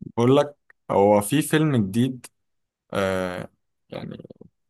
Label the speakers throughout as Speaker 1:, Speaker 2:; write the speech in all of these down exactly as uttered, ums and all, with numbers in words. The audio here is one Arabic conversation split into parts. Speaker 1: بقول لك، هو في فيلم جديد. آه. يعني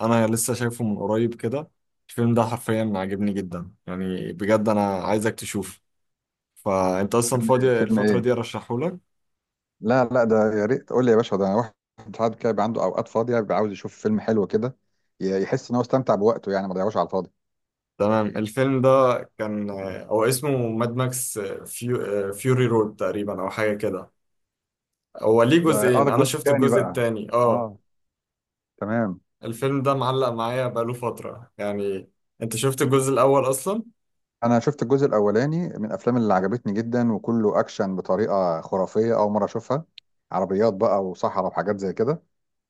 Speaker 1: انا لسه شايفه من قريب كده. الفيلم ده حرفيا عاجبني جدا، يعني بجد انا عايزك تشوفه، فانت اصلا
Speaker 2: فيلم إيه؟
Speaker 1: فاضي
Speaker 2: فيلم
Speaker 1: الفترة دي
Speaker 2: ايه؟
Speaker 1: ارشحه لك.
Speaker 2: لا لا، ده يا ريت قول لي يا باشا. ده انا واحد ساعات كده بيبقى عنده اوقات فاضيه، بيبقى عاوز يشوف فيلم حلو كده، ي- يحس ان هو استمتع بوقته يعني ما ضيعوش على الفاضي.
Speaker 1: تمام. الفيلم ده كان آه، هو اسمه ماد ماكس، آه، فيو آه، فيوري رود تقريبا او حاجة كده. هو ليه
Speaker 2: ده اه
Speaker 1: جزئين،
Speaker 2: ده
Speaker 1: انا
Speaker 2: الجزء
Speaker 1: شفت
Speaker 2: الثاني
Speaker 1: الجزء
Speaker 2: بقى.
Speaker 1: التاني. اه.
Speaker 2: اه، تمام.
Speaker 1: الفيلم ده معلق معايا بقاله فترة يعني. انت شفت الجزء الاول اصلا؟
Speaker 2: انا شفت الجزء الاولاني من الافلام اللي عجبتني جدا، وكله اكشن بطريقه خرافيه اول مره اشوفها. عربيات بقى وصحراء وحاجات زي كده.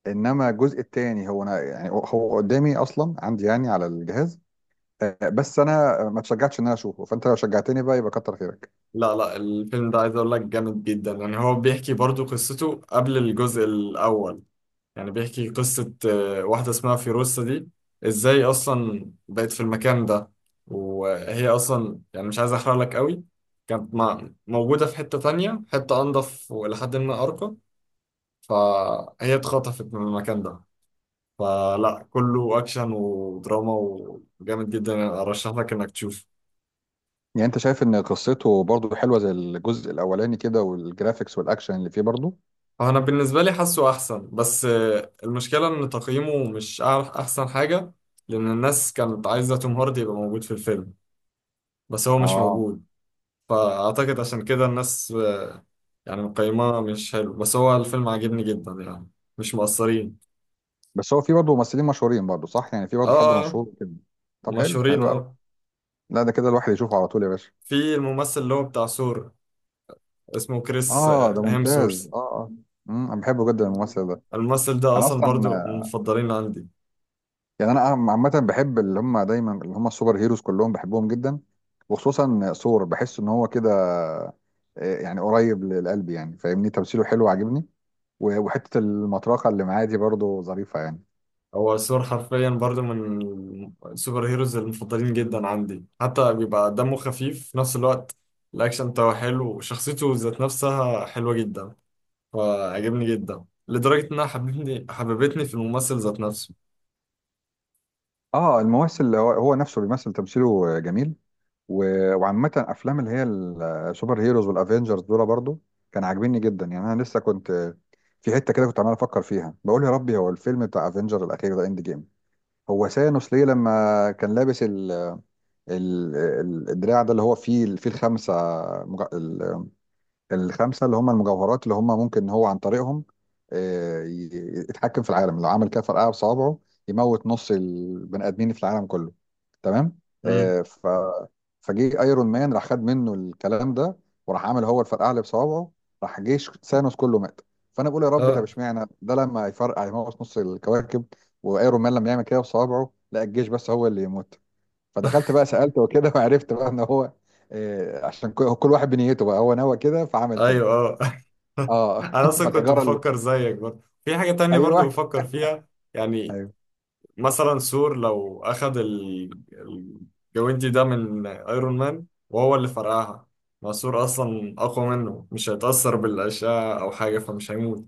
Speaker 2: انما الجزء الثاني هو انا يعني هو قدامي اصلا عندي يعني على الجهاز. آه، بس انا ما تشجعتش ان انا اشوفه، فانت لو شجعتني بقى يبقى كتر خيرك.
Speaker 1: لا لا، الفيلم ده عايز اقول لك جامد جدا، يعني هو بيحكي برضو قصته قبل الجزء الاول. يعني بيحكي قصة آه، واحدة اسمها فيروسة دي، ازاي اصلا بقت في المكان ده، وهي اصلا يعني مش عايز احرق لك قوي. كانت مع- موجودة في حتة تانية، حتة انضف ولحد ما ارقى، فهي اتخطفت من المكان ده. فلا كله اكشن ودراما وجامد جدا، ارشح لك انك تشوفه.
Speaker 2: يعني انت شايف ان قصته برضو حلوه زي الجزء الاولاني كده، والجرافيكس والاكشن اللي فيه برضو؟
Speaker 1: هو انا بالنسبه لي حاسه احسن، بس آه، المشكله ان تقييمه مش أع- احسن حاجه، لان الناس كانت عايزه توم هاردي يبقى موجود في الفيلم، بس هو مش
Speaker 2: اه.
Speaker 1: موجود. فاعتقد عشان كده الناس، آه، يعني مقيماه مش حلو، بس هو الفيلم عاجبني جدا يعني، مش مقصرين.
Speaker 2: بس هو فيه برضو ممثلين مشهورين برضو، صح؟ يعني فيه
Speaker 1: اه،
Speaker 2: برضو حد
Speaker 1: آه، آه،
Speaker 2: مشهور كده. طب حلو،
Speaker 1: مشهورين
Speaker 2: حلو قوي.
Speaker 1: اه.
Speaker 2: لا ده كده الواحد يشوفه على طول يا باشا.
Speaker 1: في الممثل اللي هو بتاع ثور، اسمه كريس
Speaker 2: اه
Speaker 1: آه،
Speaker 2: ده
Speaker 1: هيمسورث.
Speaker 2: ممتاز، اه اه. امم انا بحبه جدا الممثل ده.
Speaker 1: الممثل ده
Speaker 2: انا
Speaker 1: اصلا
Speaker 2: اصلا،
Speaker 1: برضو من المفضلين عندي.
Speaker 2: يعني انا عم- عامه بحب اللي هم دايما، اللي هم السوبر هيروز كلهم بحبهم جدا. وخصوصا ثور بحس ان هو كده، آه، يعني قريب للقلب يعني فاهمني، تمثيله حلو عاجبني. و- وحته المطرقه اللي معاه دي برضو ظريفه يعني.
Speaker 1: هو ثور حرفيا برضو من السوبر هيروز المفضلين جدا عندي، حتى بيبقى دمه خفيف في نفس الوقت. الأكشن بتاعه حلو وشخصيته ذات نفسها حلوة جدا، فعجبني جدا لدرجة إنها حببتني حببتني في الممثل ذات نفسه.
Speaker 2: اه الممثل هو هو نفسه بيمثل، تمثيله جميل. و- وعامة افلام اللي هي السوبر هيروز والافينجرز دول برضو كان عاجبني جدا يعني. انا لسه كنت في حتة كده كنت عمال افكر فيها، بقول يا ربي، هو الفيلم بتاع افنجر الاخير ده اند جيم، هو سانوس ليه لما كان لابس ال ال ال- الدراع ده اللي هو فيه فيه الخمسة الخمسه اللي هم المجوهرات، اللي هم ممكن هو عن طريقهم آه، ي- يتحكم في العالم، لو عمل كده فرقعه بصوابعه يموت نص البني ادمين في العالم كله. تمام.
Speaker 1: امم.
Speaker 2: آه، ف فجه ايرون مان راح خد منه الكلام ده، وراح عمل هو الفرقعه اللي بصوابعه، راح جيش ثانوس كله مات. فانا بقول يا رب، طب
Speaker 1: اه.
Speaker 2: اشمعنى ده لما يفرقع يموت نص الكواكب، وايرون مان لما يعمل كده بصوابعه لا الجيش بس هو اللي يموت؟ فدخلت بقى سالت وكده وعرفت بقى ان هو آه، عشان كل كل واحد بنيته، بقى هو نوى كده فعمل كده.
Speaker 1: أيوه. اه.
Speaker 2: اه
Speaker 1: أنا أصلا كنت
Speaker 2: فالحجاره اللي،
Speaker 1: بفكر زيك برضه في حاجة تانية برضه
Speaker 2: ايوه
Speaker 1: بفكر فيها. يعني
Speaker 2: ايوه
Speaker 1: مثلا ثور لو أخد ال- الجوينتي ده من أيرون مان وهو اللي فرقعها، ما ثور أصلا أقوى منه، مش هيتأثر بالأشعة أو حاجة فمش هيموت،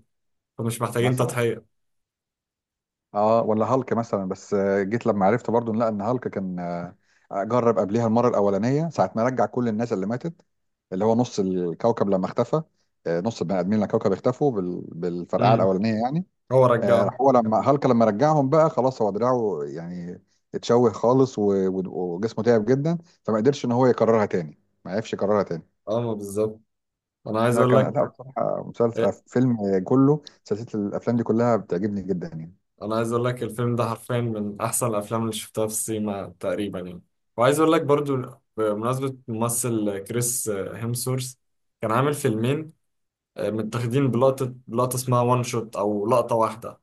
Speaker 1: فمش محتاجين
Speaker 2: مثلا،
Speaker 1: تضحية.
Speaker 2: اه ولا هالك مثلا. بس آه، جيت لما عرفت برضو إن لا ان هالك كان آه، جرب قبليها المره الاولانيه ساعه ما رجع كل الناس اللي ماتت، اللي هو نص الكوكب لما اختفى. آه، نص البني ادمين اللي على الكوكب اختفوا بال- بالفرقعه
Speaker 1: امم.
Speaker 2: الاولانيه يعني.
Speaker 1: هو
Speaker 2: آه،
Speaker 1: رجعه.
Speaker 2: راح هو لما هالك لما رجعهم بقى خلاص، هو دراعه يعني اتشوه خالص، و- و- وجسمه تعب جدا، فما قدرش ان هو يكررها تاني، ما عرفش يكررها تاني.
Speaker 1: اه، ما بالظبط. أنا عايز
Speaker 2: لا
Speaker 1: أقول
Speaker 2: كان
Speaker 1: لك،
Speaker 2: لا بصراحة، مسلسل آه،
Speaker 1: إيه؟
Speaker 2: فيلم كله، سلسلة الأفلام دي كلها بتعجبني جدا يعني.
Speaker 1: أنا عايز أقول لك الفيلم ده حرفيا من أحسن الأفلام اللي شفتها في السينما تقريبا يعني. وعايز أقول لك برضو، بمناسبة ممثل كريس هيمسورث، كان عامل فيلمين آه، متاخدين بلقطة لقطة، اسمها وان شوت أو لقطة واحدة.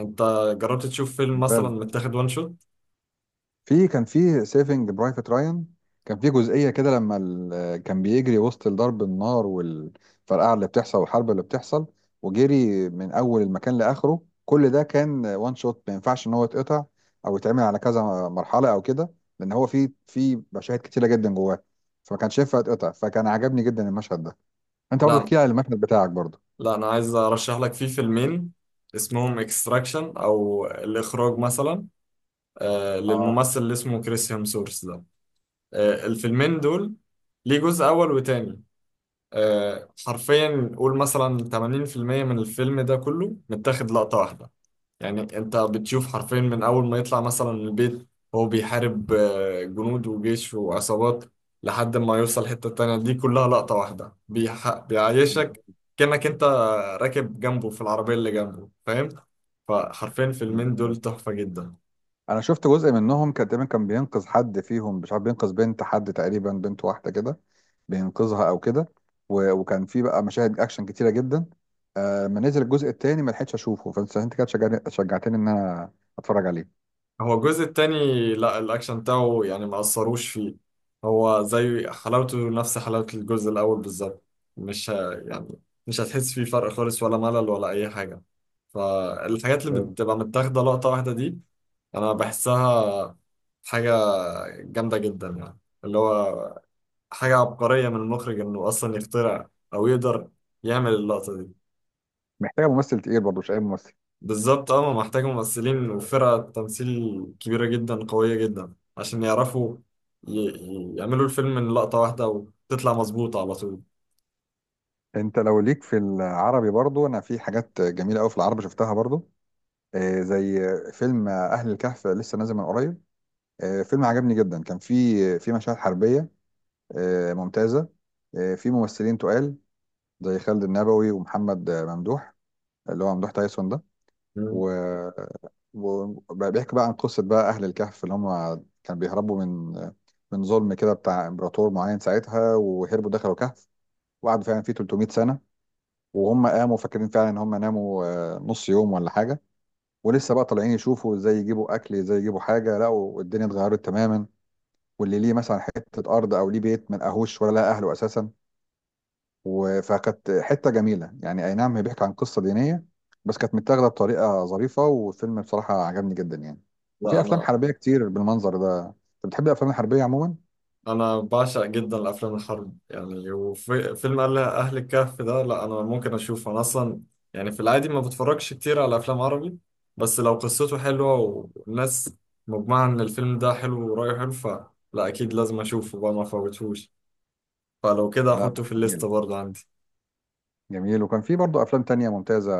Speaker 1: انت جربت تشوف فيلم مثلا
Speaker 2: ممتاز.
Speaker 1: متاخد وان شوت؟
Speaker 2: في كان في سيفنج برايفت رايان، كان في جزئية كده لما ال... كان بيجري وسط ضرب النار والفرقعة اللي بتحصل والحرب اللي بتحصل، وجري من أول المكان لآخره، كل ده كان وان شوت، ما ينفعش إن هو يتقطع أو يتعمل على كذا مرحلة أو كده، لأن هو في في مشاهد كتيرة جدا جواه، فما كانش ينفع يتقطع، فكان عجبني جدا المشهد ده. أنت برضه
Speaker 1: لا
Speaker 2: احكي لي على المشهد بتاعك برضه.
Speaker 1: لا انا عايز ارشح لك فيه فيلمين، اسمهم اكستراكشن او الاخراج مثلا، آه،
Speaker 2: اه
Speaker 1: للممثل اللي اسمه كريس هيمسورث ده. آه، الفيلمين دول ليه جزء اول وتاني. آه، حرفيا قول مثلا ثمانين في المية من الفيلم ده كله متاخد لقطة واحدة. يعني انت بتشوف حرفيا من اول ما يطلع مثلا من البيت، هو بيحارب آه، جنود وجيش وعصابات لحد ما يوصل حتة تانية، دي كلها لقطة واحدة، بيح... بيعيشك كأنك انت راكب جنبه في العربية اللي جنبه، فاهم؟ فحرفيا الفيلمين دول
Speaker 2: ممتاز.
Speaker 1: تحفة جدا.
Speaker 2: انا شفت جزء منهم، كان تقريبا كان بينقذ حد فيهم مش عارف، بينقذ بنت حد تقريبا، بنت واحده كده بينقذها او كده. و- وكان في بقى مشاهد اكشن كتيره جدا. آه، ما نزل الجزء التاني ما لحقتش اشوفه، فانت انت كده شجعني- شجعتني ان انا اتفرج عليه.
Speaker 1: هو الجزء التاني، لا الأكشن بتاعه يعني ما أثروش فيه، هو زي حلاوته، نفس حلاوة الجزء الأول بالظبط. مش ه... يعني مش هتحس فيه فرق خالص، ولا ملل ولا أي حاجة. فالحاجات اللي
Speaker 2: ممتاز.
Speaker 1: بتبقى متاخدة لقطة واحدة دي، أنا بحسها حاجة جامدة جدا، يعني اللي هو حاجة عبقرية من المخرج إنه أصلا يخترع أو يقدر يعمل اللقطة دي.
Speaker 2: محتاجه ممثل تقيل برضه، مش اي ممثل.
Speaker 1: بالظبط اه، ما محتاجة ممثلين وفرقة تمثيل كبيرة جدا قوية جدا عشان يعرفوا ي... ي- يعملوا الفيلم من لقطة واحدة وتطلع مظبوطة على طول.
Speaker 2: انت لو ليك في العربي برضه، انا في حاجات جميله قوي في العربي شفتها برضه، آه، زي فيلم اهل الكهف، لسه نازل من قريب. آه، فيلم عجبني جدا. كان في في مشاهد حربيه آه، ممتازة، آه، في ممثلين تقال زي خالد النبوي ومحمد آه، ممدوح، اللي هو ممدوح تايسون ده. و...
Speaker 1: مم.
Speaker 2: وبيحكي بقى عن قصة بقى أهل الكهف، اللي هم كانوا بيهربوا من آه، من ظلم كده بتاع إمبراطور معين ساعتها، وهربوا دخلوا كهف، وقعدوا فعلا فيه 300 سنة، وهم قاموا فاكرين فعلا إن هم ناموا آه، نص يوم ولا حاجة. ولسه بقى طالعين يشوفوا ازاي يجيبوا أكل، ازاي يجيبوا حاجة، لقوا الدنيا اتغيرت تماما، واللي ليه مثلا حتة أرض أو ليه بيت ما لقاهوش، ولا لقى أهله أساسا. و- فكانت حته جميله يعني، اي نعم هي بيحكي عن قصه دينيه، بس كانت متاخده بطريقه ظريفه، والفيلم بصراحه عجبني جدا يعني. وفي
Speaker 1: لا
Speaker 2: افلام
Speaker 1: أنا،
Speaker 2: حربيه كتير بالمنظر ده، انت بتحب الافلام الحربيه عموما؟
Speaker 1: أنا بعشق جدا الأفلام الحرب يعني، وفيلم أهل أهل الكهف ده، لا أنا ممكن أشوفه. أنا أصلا يعني في العادي ما بتفرجش كتير على أفلام عربي، بس لو قصته حلوة، والناس مجمعة إن الفيلم ده حلو ورأيه حلو، فلا أكيد لازم أشوفه بقى، ما أفوتهوش. فلو كده
Speaker 2: لا
Speaker 1: أحطه في
Speaker 2: جميل،
Speaker 1: الليستة برضه عندي.
Speaker 2: جميل. وكان في برضه افلام تانية ممتازه،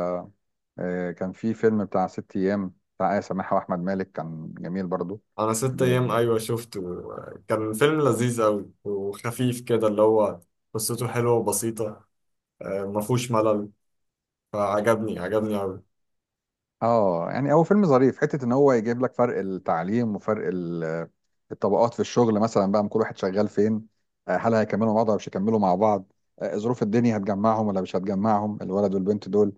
Speaker 2: آه، كان في فيلم بتاع ست ايام بتاع آية سماحه واحمد مالك، كان جميل برضه.
Speaker 1: انا ست ايام ايوه شفته، كان فيلم لذيذ قوي وخفيف كده، اللي هو قصته حلوه وبسيطه، آه، ما فيهوش ملل، فعجبني عجبني قوي.
Speaker 2: اه يعني هو فيلم ظريف، حته ان هو يجيب لك فرق التعليم وفرق ال- الطبقات في الشغل مثلا بقى، من كل واحد شغال فين، آه، هل هيكملوا مع بعض ولا مش هيكملوا مع بعض، آه، ظروف الدنيا هتجمعهم ولا مش هتجمعهم الولد والبنت دول.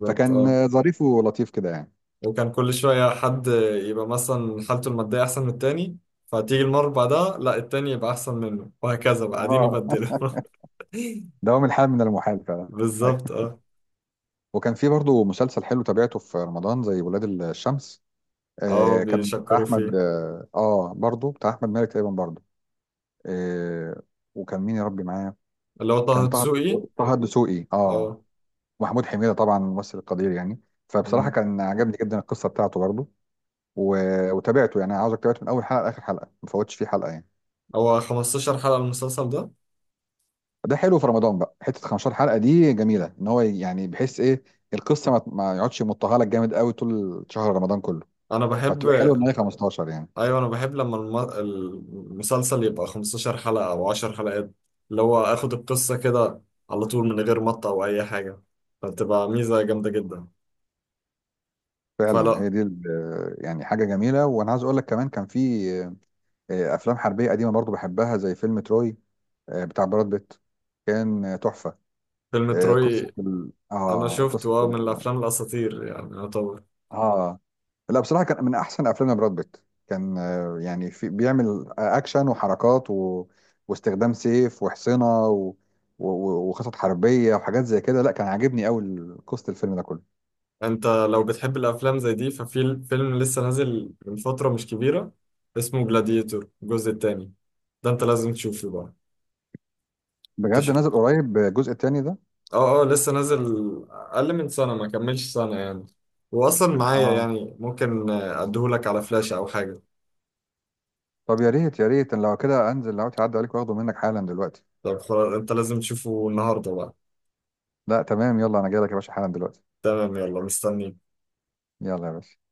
Speaker 1: بالظبط
Speaker 2: فكان
Speaker 1: اه.
Speaker 2: آه، ظريف ولطيف كده يعني.
Speaker 1: وكان كل شويه حد يبقى مثلا حالته الماديه احسن من التاني، فتيجي المره اللي بعدها لا التاني يبقى احسن منه، وهكذا بقى قاعدين
Speaker 2: اه
Speaker 1: يبدلوا.
Speaker 2: دوام الحال من المحال فعلا. أيوة.
Speaker 1: بالظبط اه.
Speaker 2: وكان في برضه مسلسل حلو تابعته في رمضان زي ولاد الشمس.
Speaker 1: اه،
Speaker 2: آه، كان بتاع
Speaker 1: بيشكروا
Speaker 2: احمد
Speaker 1: فيه.
Speaker 2: اه آه، برضه بتاع احمد مالك تقريبا برضه. آه، وكان مين يا ربي معاه؟
Speaker 1: اللي هو طه
Speaker 2: كان طه
Speaker 1: دسوقي.
Speaker 2: طه الدسوقي. اه.
Speaker 1: اه.
Speaker 2: محمود حميدة طبعا ممثل قدير يعني، فبصراحة
Speaker 1: مم.
Speaker 2: كان عجبني جدا القصة بتاعته برضه. و... وتابعته يعني، عاوزك تابعته من أول حلقة لآخر حلقة، ما فوتش فيه حلقة يعني.
Speaker 1: هو خمسة عشر حلقه المسلسل ده.
Speaker 2: ده حلو في رمضان بقى، حتة 15 حلقة دي جميلة إن هو يعني، بحيث إيه؟ القصة ما, ما يقعدش يمطها لك جامد قوي طول شهر رمضان كله،
Speaker 1: انا بحب،
Speaker 2: فبتبقى حلوة إن هي خمستاشر يعني.
Speaker 1: ايوه انا بحب لما الم- المسلسل يبقى 15 حلقة او 10 حلقات، اللي هو اخد القصة كده على طول من غير مطة او اي حاجة، فبتبقى ميزة جامدة جدا.
Speaker 2: فعلا
Speaker 1: فلا
Speaker 2: هي دي ال- يعني حاجة جميلة. وأنا عايز أقول لك كمان، كان في آه، أفلام حربية قديمة برضه بحبها زي فيلم تروي، آه، بتاع براد بيت، كان تحفة.
Speaker 1: فيلم
Speaker 2: آه،
Speaker 1: تروي
Speaker 2: قصه ال...
Speaker 1: انا
Speaker 2: اه قصه
Speaker 1: شفته اه، من
Speaker 2: ال...
Speaker 1: الافلام الاساطير يعني يعتبر.
Speaker 2: اه لا بصراحه كان من احسن افلام براد بيت. كان آه، يعني في بيعمل آه، اكشن وحركات، و... واستخدام سيف وحصنه، و... و... و- وخطط حربيه وحاجات زي كده. لا كان عاجبني قوي قصه الفيلم ده كله.
Speaker 1: انت لو بتحب الافلام زي دي ففي فيلم لسه نازل من فترة مش كبيرة، اسمه جلاديتور الجزء التاني، ده انت لازم تشوفه بقى. انت،
Speaker 2: بجد نازل قريب الجزء التاني ده؟
Speaker 1: اه اه لسه نازل، اقل من سنه، ما كملش سنه يعني، واصلا معايا،
Speaker 2: اه،
Speaker 1: يعني ممكن اديهولك على فلاش او حاجه.
Speaker 2: طب يا ريت، يا ريت، أنا لو كده انزل لو تعدي عليك، واخده منك حالا دلوقتي.
Speaker 1: طب خلاص انت لازم تشوفه النهارده بقى.
Speaker 2: لا تمام يلا، انا جاي لك يا باشا حالا دلوقتي.
Speaker 1: تمام يلا مستنيك.
Speaker 2: يلا يا باشا.